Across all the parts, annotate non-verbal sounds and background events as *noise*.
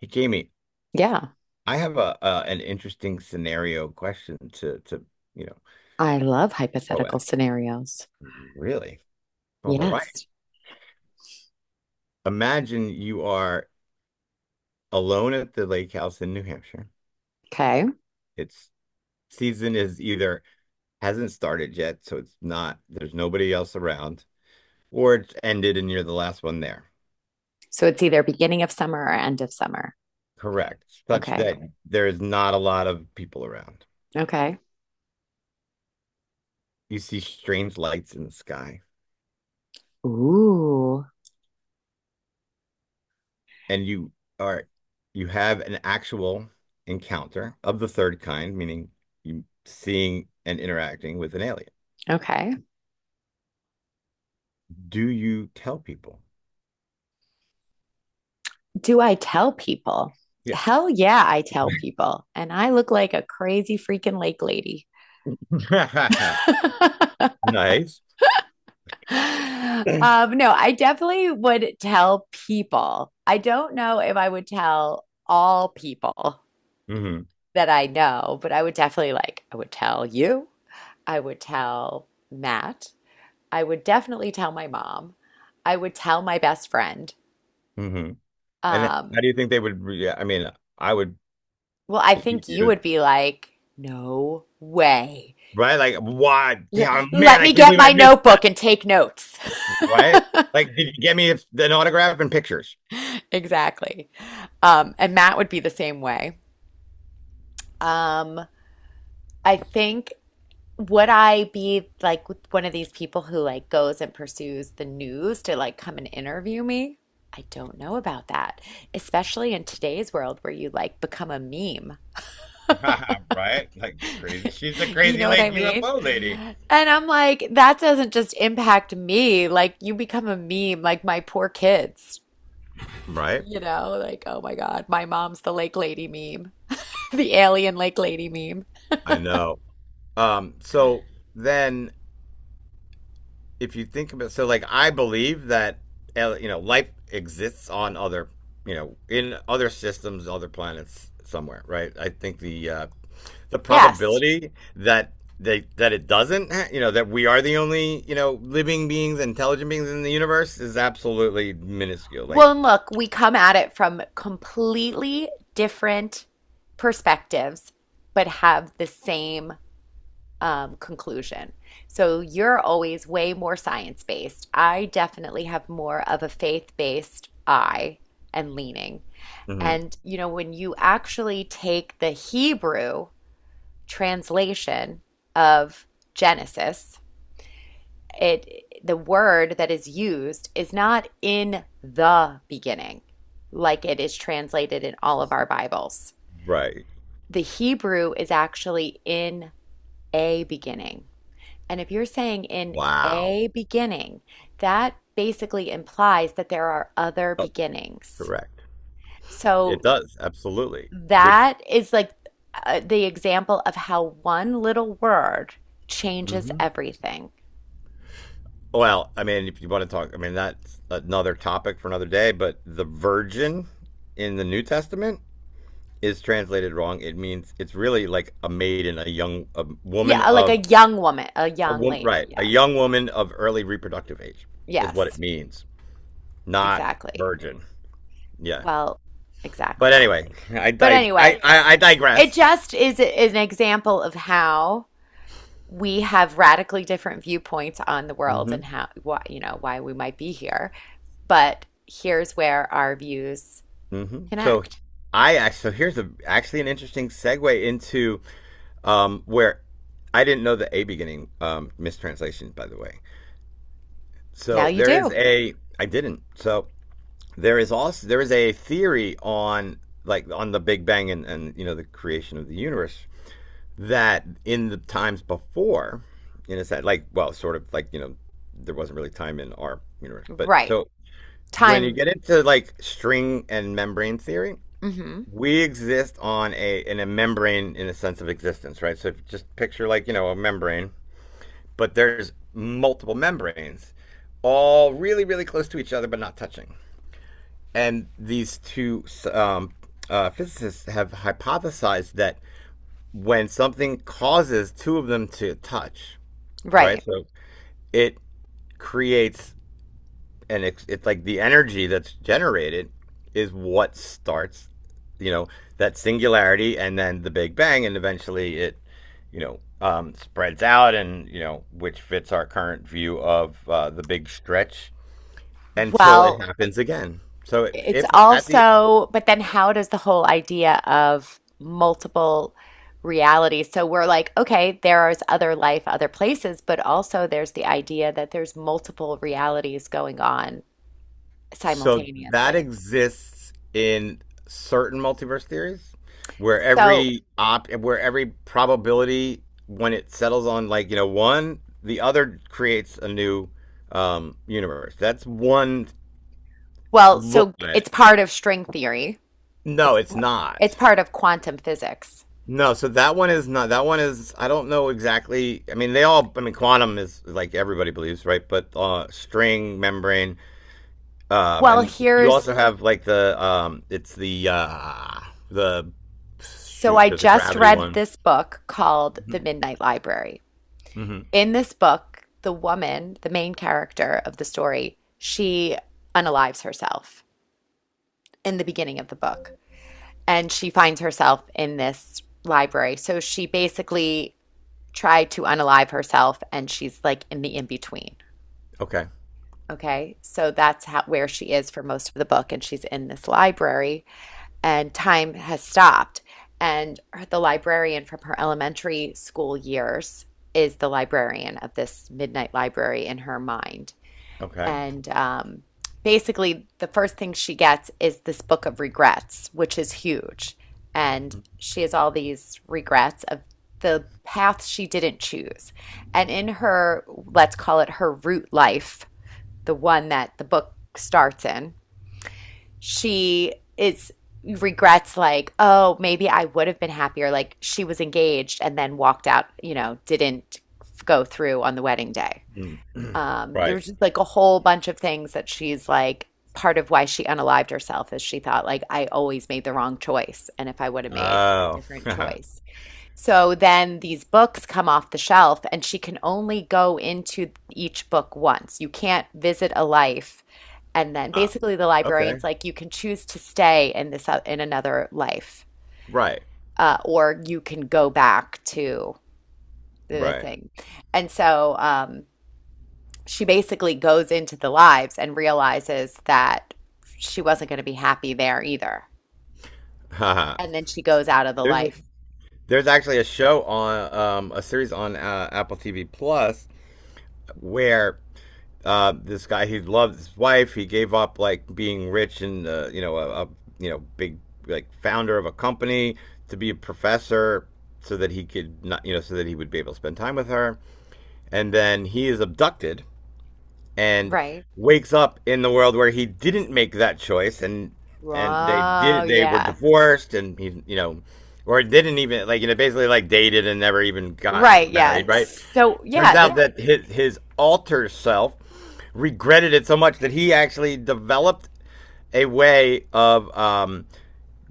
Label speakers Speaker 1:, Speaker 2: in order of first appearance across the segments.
Speaker 1: Hey, Jamie,
Speaker 2: Yeah,
Speaker 1: I have a an interesting scenario question to you know
Speaker 2: I love
Speaker 1: throw
Speaker 2: hypothetical
Speaker 1: at
Speaker 2: scenarios.
Speaker 1: you. Really? All right.
Speaker 2: Yes.
Speaker 1: Imagine you are alone at the lake house in New Hampshire.
Speaker 2: Okay.
Speaker 1: It's Season is either hasn't started yet, so it's not, there's nobody else around, or it's ended and you're the last one there.
Speaker 2: So it's either beginning of summer or end of summer.
Speaker 1: Correct. Such
Speaker 2: Okay.
Speaker 1: that there is not a lot of people around.
Speaker 2: Okay.
Speaker 1: You see strange lights in the sky.
Speaker 2: Ooh.
Speaker 1: And are you have an actual encounter of the third kind, meaning you seeing and interacting with an alien.
Speaker 2: Okay.
Speaker 1: Do you tell people?
Speaker 2: Do I tell people?
Speaker 1: Yes.
Speaker 2: Hell yeah, I tell people. And I look like a crazy freaking lake lady.
Speaker 1: *laughs*
Speaker 2: *laughs*
Speaker 1: Nice.
Speaker 2: No, I definitely would tell people. I don't know if I would tell all people
Speaker 1: hmm
Speaker 2: that I know, but I would definitely like, I would tell you. I would tell Matt. I would definitely tell my mom. I would tell my best friend.
Speaker 1: hmm And how
Speaker 2: Um,
Speaker 1: do you think they would re I mean, I would
Speaker 2: well, I
Speaker 1: believe
Speaker 2: think you
Speaker 1: you,
Speaker 2: would be like, no way.
Speaker 1: right? Like, why?
Speaker 2: *laughs* L-
Speaker 1: Damn, man,
Speaker 2: let
Speaker 1: I
Speaker 2: me
Speaker 1: can't
Speaker 2: get
Speaker 1: believe I
Speaker 2: my
Speaker 1: missed that,
Speaker 2: notebook and take notes. *laughs*
Speaker 1: right? Like, did you get me an autograph and pictures?
Speaker 2: Exactly. And Matt would be the same way. Um, I think, would I be like one of these people who like goes and pursues the news to like come and interview me? I don't know about that, especially in today's world where you like become a meme.
Speaker 1: *laughs* Right? Like crazy.
Speaker 2: *laughs*
Speaker 1: She's the
Speaker 2: You
Speaker 1: crazy
Speaker 2: know what
Speaker 1: lake
Speaker 2: I mean?
Speaker 1: UFO lady.
Speaker 2: And I'm like, that doesn't just impact me. Like, you become a meme, like my poor kids.
Speaker 1: Right?
Speaker 2: Like, oh my God, my mom's the lake lady meme, *laughs* the alien lake lady meme.
Speaker 1: I know. So then, if you think about, so like I believe that you know life exists on other, you know, in other systems, other planets somewhere, right? I think the
Speaker 2: Yes.
Speaker 1: probability that they that it doesn't, you know, that we are the only you know living beings, intelligent beings in the universe is absolutely minuscule. Like,
Speaker 2: Well, and look, we come at it from completely different perspectives, but have the same conclusion. So you're always way more science-based. I definitely have more of a faith-based eye and leaning.
Speaker 1: mhm,
Speaker 2: And, when you actually take the Hebrew translation of Genesis, it the word that is used is not "in the beginning" like it is translated in all of our bibles.
Speaker 1: right?
Speaker 2: The Hebrew is actually "in a beginning." And if you're saying "in
Speaker 1: Wow.
Speaker 2: a beginning," that basically implies that there are other
Speaker 1: Oh,
Speaker 2: beginnings.
Speaker 1: correct. It
Speaker 2: So
Speaker 1: does absolutely. Which.
Speaker 2: that is like, the example of how one little word changes
Speaker 1: Mhm.
Speaker 2: everything.
Speaker 1: Well, I mean, if you want to talk, I mean, that's another topic for another day, but the virgin in the New Testament is translated wrong. It means it's really like a maiden, a woman
Speaker 2: Yeah, like a
Speaker 1: of
Speaker 2: young woman, a
Speaker 1: a
Speaker 2: young
Speaker 1: woman,
Speaker 2: lady.
Speaker 1: right? A
Speaker 2: Yeah.
Speaker 1: young woman of early reproductive age is what it
Speaker 2: Yes.
Speaker 1: means, not
Speaker 2: Exactly.
Speaker 1: virgin. Yeah.
Speaker 2: Well,
Speaker 1: But
Speaker 2: exactly.
Speaker 1: anyway, *laughs* I
Speaker 2: But
Speaker 1: di-
Speaker 2: anyway,
Speaker 1: I
Speaker 2: it
Speaker 1: digress.
Speaker 2: just is an example of how we have radically different viewpoints on the world
Speaker 1: Hmm.
Speaker 2: and how, why, why we might be here. But here's where our views
Speaker 1: mm hmm So
Speaker 2: connect.
Speaker 1: I actually so here's a actually an interesting segue into where I didn't know the a beginning mistranslation, by the way.
Speaker 2: Now
Speaker 1: So
Speaker 2: you
Speaker 1: there is
Speaker 2: do.
Speaker 1: a I didn't. So there is also there is a theory on on the Big Bang and, you know the creation of the universe that in the times before, in a sense, like well, sort of like you know there wasn't really time in our universe, but
Speaker 2: Right.
Speaker 1: so when you
Speaker 2: Time.
Speaker 1: get into like string and membrane theory,
Speaker 2: Hmm.
Speaker 1: we exist on a in a membrane in a sense of existence, right? So if you just picture like you know a membrane but there's multiple membranes, all really, really close to each other, but not touching. And these two um, physicists have hypothesized that when something causes two of them to touch, right?
Speaker 2: Right.
Speaker 1: So it creates, and it's like the energy that's generated is what starts you know that singularity and then the big bang, and eventually it you know spreads out and you know which fits our current view of the big stretch until it
Speaker 2: Well,
Speaker 1: happens again. So
Speaker 2: it's
Speaker 1: if at the
Speaker 2: also, but then how does the whole idea of multiple realities? So we're like, okay, there is other life, other places, but also there's the idea that there's multiple realities going on
Speaker 1: so that
Speaker 2: simultaneously.
Speaker 1: exists in certain multiverse theories where
Speaker 2: So,
Speaker 1: every op where every probability when it settles on like, you know, one, the other creates a new universe. That's one
Speaker 2: well,
Speaker 1: look
Speaker 2: so
Speaker 1: at it.
Speaker 2: it's part of string theory.
Speaker 1: No,
Speaker 2: It's
Speaker 1: it's
Speaker 2: par-
Speaker 1: not.
Speaker 2: it's part of quantum physics.
Speaker 1: No, so that one is not, that one is I don't know exactly. I mean, they all, I mean quantum is like everybody believes, right? But string membrane.
Speaker 2: Well,
Speaker 1: And you
Speaker 2: here's
Speaker 1: also have like the
Speaker 2: so
Speaker 1: shoot.
Speaker 2: I
Speaker 1: There's a
Speaker 2: just
Speaker 1: gravity
Speaker 2: read
Speaker 1: one.
Speaker 2: this book called The Midnight Library.
Speaker 1: Mm-hmm.
Speaker 2: In this book, the woman, the main character of the story, she unalives herself in the beginning of the book, and she finds herself in this library. So she basically tried to unalive herself and she's like in the in between.
Speaker 1: Okay.
Speaker 2: Okay. So that's how where she is for most of the book, and she's in this library and time has stopped, and the librarian from her elementary school years is the librarian of this midnight library in her mind.
Speaker 1: Okay.
Speaker 2: And basically, the first thing she gets is this book of regrets, which is huge. And she has all these regrets of the path she didn't choose. And in her, let's call it her root life, the one that the book starts in, she is regrets like, oh, maybe I would have been happier. Like, she was engaged and then walked out, you know, didn't go through on the wedding day.
Speaker 1: Mm. *clears throat*
Speaker 2: There
Speaker 1: Right.
Speaker 2: was just like a whole bunch of things that she's like, part of why she unalived herself is she thought, like, I always made the wrong choice. And if I would have made a
Speaker 1: Oh.
Speaker 2: different
Speaker 1: *laughs*
Speaker 2: choice. So then these books come off the shelf, and she can only go into each book once. You can't visit a life. And then
Speaker 1: Ah,
Speaker 2: basically the
Speaker 1: okay.
Speaker 2: librarian's like, you can choose to stay in this, in another life,
Speaker 1: Right.
Speaker 2: or you can go back to the
Speaker 1: Right.
Speaker 2: thing. And so, she basically goes into the lives and realizes that she wasn't going to be happy there either.
Speaker 1: Haha.
Speaker 2: And then she goes out of the
Speaker 1: there's a
Speaker 2: life.
Speaker 1: there's actually a show on a series on Apple TV Plus where this guy, he loved his wife. He gave up like being rich and you know a you know big like founder of a company to be a professor so that he could not you know so that he would be able to spend time with her. And then he is abducted and
Speaker 2: Right.
Speaker 1: wakes up in the world where he didn't make that choice, and
Speaker 2: Oh,
Speaker 1: they were
Speaker 2: yeah.
Speaker 1: divorced, and he you know or didn't even like you know basically like dated and never even got
Speaker 2: Right, yeah.
Speaker 1: married, right?
Speaker 2: So,
Speaker 1: Turns
Speaker 2: yeah,
Speaker 1: out
Speaker 2: that
Speaker 1: that his alter self regretted it so much that he actually developed a way of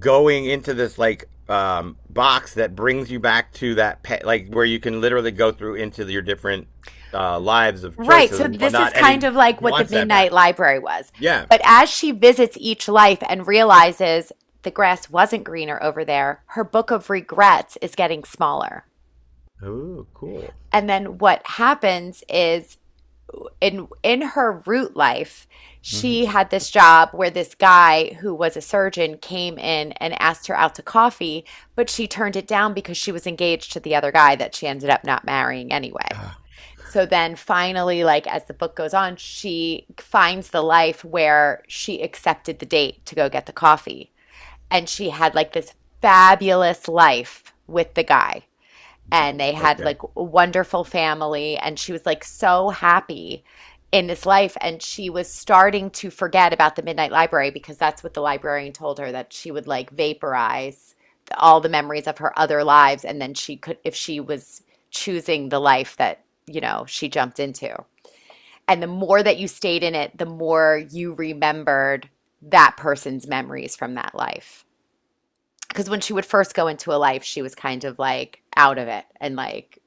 Speaker 1: going into this like box that brings you back to like where you can literally go through into your different lives of
Speaker 2: right.
Speaker 1: choices
Speaker 2: So
Speaker 1: and
Speaker 2: this
Speaker 1: whatnot,
Speaker 2: is
Speaker 1: and
Speaker 2: kind
Speaker 1: he
Speaker 2: of like what the
Speaker 1: wants that back.
Speaker 2: Midnight Library was.
Speaker 1: Yeah.
Speaker 2: But as she visits each life and realizes the grass wasn't greener over there, her book of regrets is getting smaller.
Speaker 1: Oh, cool.
Speaker 2: And then what happens is in her root life,
Speaker 1: Mm-hmm.
Speaker 2: she
Speaker 1: *sighs*
Speaker 2: had this job where this guy who was a surgeon came in and asked her out to coffee, but she turned it down because she was engaged to the other guy that she ended up not marrying anyway. So then finally, like as the book goes on, she finds the life where she accepted the date to go get the coffee. And she had like this fabulous life with the guy, and they had
Speaker 1: Okay.
Speaker 2: like a wonderful family, and she was like so happy in this life. And she was starting to forget about the midnight library because that's what the librarian told her, that she would like vaporize all the memories of her other lives, and then she could if she was choosing the life that she jumped into. And the more that you stayed in it, the more you remembered that person's memories from that life, because when she would first go into a life, she was kind of like out of it. And like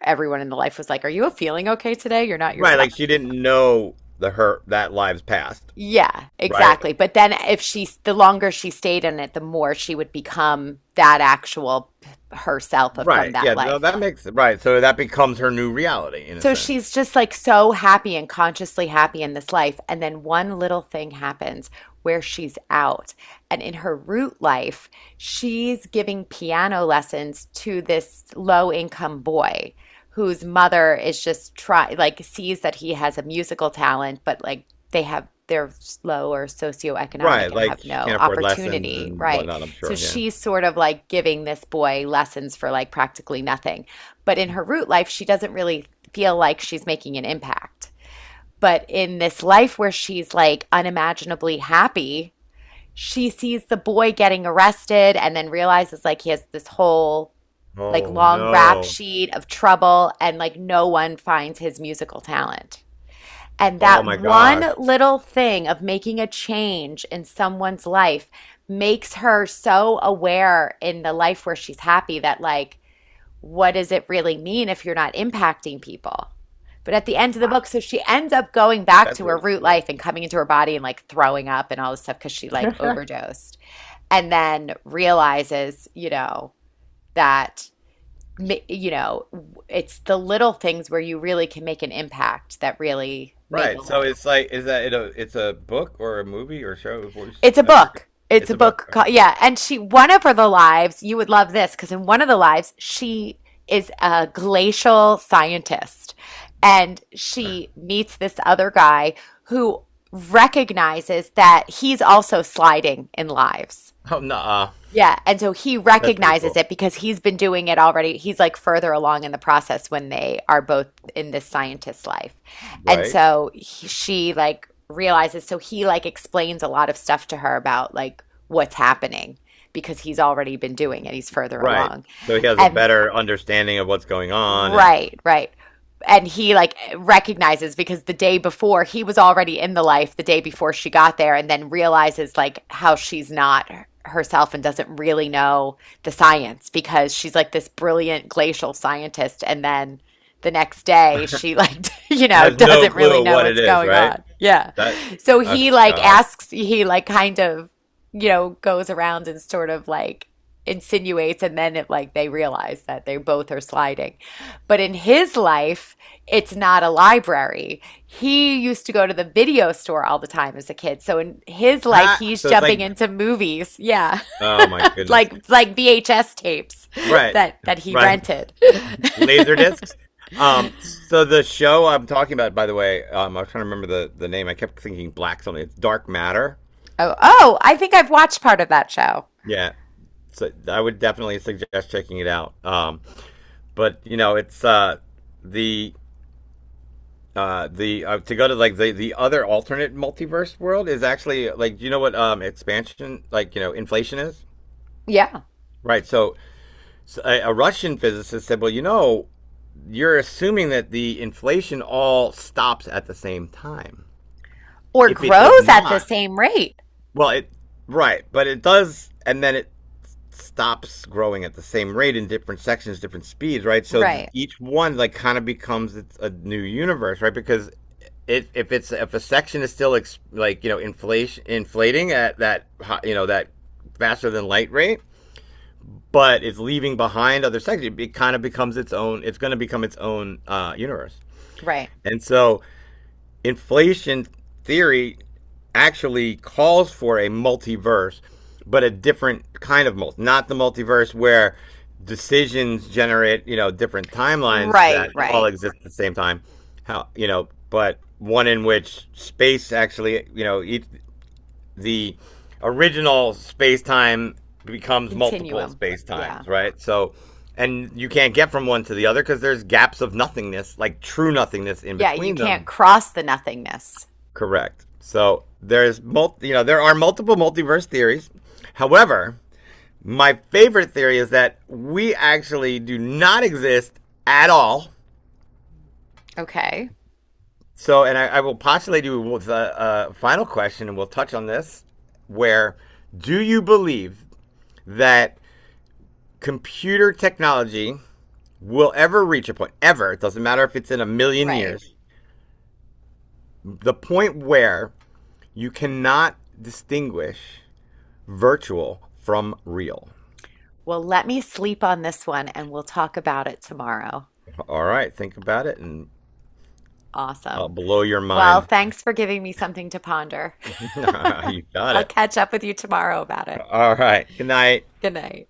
Speaker 2: everyone in the life was like, are you feeling okay today? You're not
Speaker 1: Right.
Speaker 2: yourself.
Speaker 1: Like she didn't know the her that lives past.
Speaker 2: Yeah,
Speaker 1: Right.
Speaker 2: exactly. But then if she, the longer she stayed in it, the more she would become that actual herself of,
Speaker 1: Right.
Speaker 2: from that
Speaker 1: Yeah. No,
Speaker 2: life.
Speaker 1: that makes it right. So that becomes her new reality in a
Speaker 2: So
Speaker 1: sense.
Speaker 2: she's just like so happy and consciously happy in this life. And then one little thing happens where she's out. And in her root life, she's giving piano lessons to this low income boy whose mother is just try like sees that he has a musical talent, but like they're low or
Speaker 1: Right.
Speaker 2: socioeconomic and have
Speaker 1: Like she
Speaker 2: no
Speaker 1: can't afford lessons
Speaker 2: opportunity,
Speaker 1: and
Speaker 2: right?
Speaker 1: whatnot. I'm
Speaker 2: So
Speaker 1: sure. Yeah.
Speaker 2: she's sort of like giving this boy lessons for like practically nothing. But in her root life, she doesn't really feel like she's making an impact. But in this life where she's like unimaginably happy, she sees the boy getting arrested and then realizes like he has this whole like
Speaker 1: Oh
Speaker 2: long rap
Speaker 1: no.
Speaker 2: sheet of trouble, and like no one finds his musical talent. And
Speaker 1: Oh
Speaker 2: that
Speaker 1: my
Speaker 2: one
Speaker 1: gosh.
Speaker 2: little thing of making a change in someone's life makes her so aware in the life where she's happy that, like, what does it really mean if you're not impacting people? But at the end of the
Speaker 1: Wow.
Speaker 2: book, so she ends up going back
Speaker 1: That's
Speaker 2: to her
Speaker 1: really
Speaker 2: root
Speaker 1: cool.
Speaker 2: life and coming into her body and like throwing up and all this stuff because she like overdosed, and then realizes, you know, that, you know, it's the little things where you really can make an impact that really make a
Speaker 1: Right. So
Speaker 2: life.
Speaker 1: it's like, is that it's a book or a movie or show? What was—
Speaker 2: It's a
Speaker 1: I forget.
Speaker 2: book. It's
Speaker 1: It's
Speaker 2: a
Speaker 1: a book.
Speaker 2: book.
Speaker 1: Okay.
Speaker 2: Called, yeah. And she, one of her, the lives, you would love this because in one of the lives, she is a glacial scientist and she meets this other guy who recognizes that he's also sliding in lives.
Speaker 1: Oh, no.
Speaker 2: Yeah, and so he
Speaker 1: That's pretty
Speaker 2: recognizes
Speaker 1: cool.
Speaker 2: it because he's been doing it already. He's like further along in the process when they are both in this scientist's life. And
Speaker 1: Right.
Speaker 2: so he, she like realizes, so he like explains a lot of stuff to her about like what's happening because he's already been doing it. He's further
Speaker 1: Right.
Speaker 2: along.
Speaker 1: So he has a
Speaker 2: And.
Speaker 1: better understanding of what's going on and
Speaker 2: Right, right. And he like recognizes because the day before he was already in the life the day before she got there, and then realizes like how she's not herself and doesn't really know the science because she's like this brilliant glacial scientist, and then the next day she like *laughs*
Speaker 1: has no
Speaker 2: doesn't
Speaker 1: clue
Speaker 2: really
Speaker 1: of
Speaker 2: know
Speaker 1: what it
Speaker 2: what's
Speaker 1: is,
Speaker 2: going
Speaker 1: right?
Speaker 2: on. Yeah.
Speaker 1: That,
Speaker 2: So
Speaker 1: oh,
Speaker 2: he like
Speaker 1: God.
Speaker 2: asks, he like kind of goes around and sort of like insinuates, and then it like they realize that they both are sliding. But in his life, it's not a library. He used to go to the video store all the time as a kid. So in his life,
Speaker 1: Ha!
Speaker 2: he's
Speaker 1: So it's like,
Speaker 2: jumping into movies. Yeah. *laughs*
Speaker 1: oh my goodness.
Speaker 2: Like VHS tapes *laughs*
Speaker 1: Right.
Speaker 2: that he
Speaker 1: Right.
Speaker 2: rented.
Speaker 1: *laughs*
Speaker 2: *laughs*
Speaker 1: Laser discs. So the show I'm talking about, by the way, I was trying to remember the name. I kept thinking black something. It's Dark Matter.
Speaker 2: Oh, I think I've watched part of that show.
Speaker 1: Yeah. So I would definitely suggest checking it out. But you know, it's the the to go to like the other alternate multiverse world is actually like do you know what expansion like you know inflation is,
Speaker 2: Yeah.
Speaker 1: right? So, so a Russian physicist said, well you know you're assuming that the inflation all stops at the same time.
Speaker 2: Or
Speaker 1: If it does
Speaker 2: grows at the
Speaker 1: not,
Speaker 2: same rate.
Speaker 1: well it right, but it does, and then it stops growing at the same rate in different sections, different speeds, right? So
Speaker 2: Right.
Speaker 1: each one like kind of becomes it's a new universe, right? Because it, if it's if a section is still like you know inflation inflating at that you know that faster than light rate, but it's leaving behind other sections, it kind of becomes its own. It's going to become its own universe.
Speaker 2: Right.
Speaker 1: And so inflation theory actually calls for a multiverse, but a different kind of multiverse, not the multiverse where decisions generate, you know, different timelines
Speaker 2: Right,
Speaker 1: that all
Speaker 2: right.
Speaker 1: exist at the same time. How, you know, but one in which space actually, you know, the original space time becomes multiple
Speaker 2: Continuum.
Speaker 1: space times,
Speaker 2: Yeah.
Speaker 1: right? So, and you can't get from one to the other because there's gaps of nothingness, like true nothingness in
Speaker 2: Yeah, you
Speaker 1: between
Speaker 2: can't
Speaker 1: them.
Speaker 2: cross the nothingness.
Speaker 1: Correct. So there's you know there are multiple multiverse theories. However, my favorite theory is that we actually do not exist at all.
Speaker 2: Okay.
Speaker 1: So, and I will postulate you with a final question, and we'll touch on this. Where do you believe that computer technology will ever reach a point? Ever? It doesn't matter if it's in a million
Speaker 2: Right.
Speaker 1: years. The point where you cannot distinguish virtual from real.
Speaker 2: Well, let me sleep on this one and we'll talk about it tomorrow.
Speaker 1: All right, think about it, and I'll
Speaker 2: Awesome.
Speaker 1: blow your
Speaker 2: Well,
Speaker 1: mind.
Speaker 2: thanks for giving me something to ponder.
Speaker 1: *laughs* You
Speaker 2: *laughs*
Speaker 1: got
Speaker 2: I'll
Speaker 1: it.
Speaker 2: catch up with you tomorrow about it.
Speaker 1: All right, good night.
Speaker 2: Good night.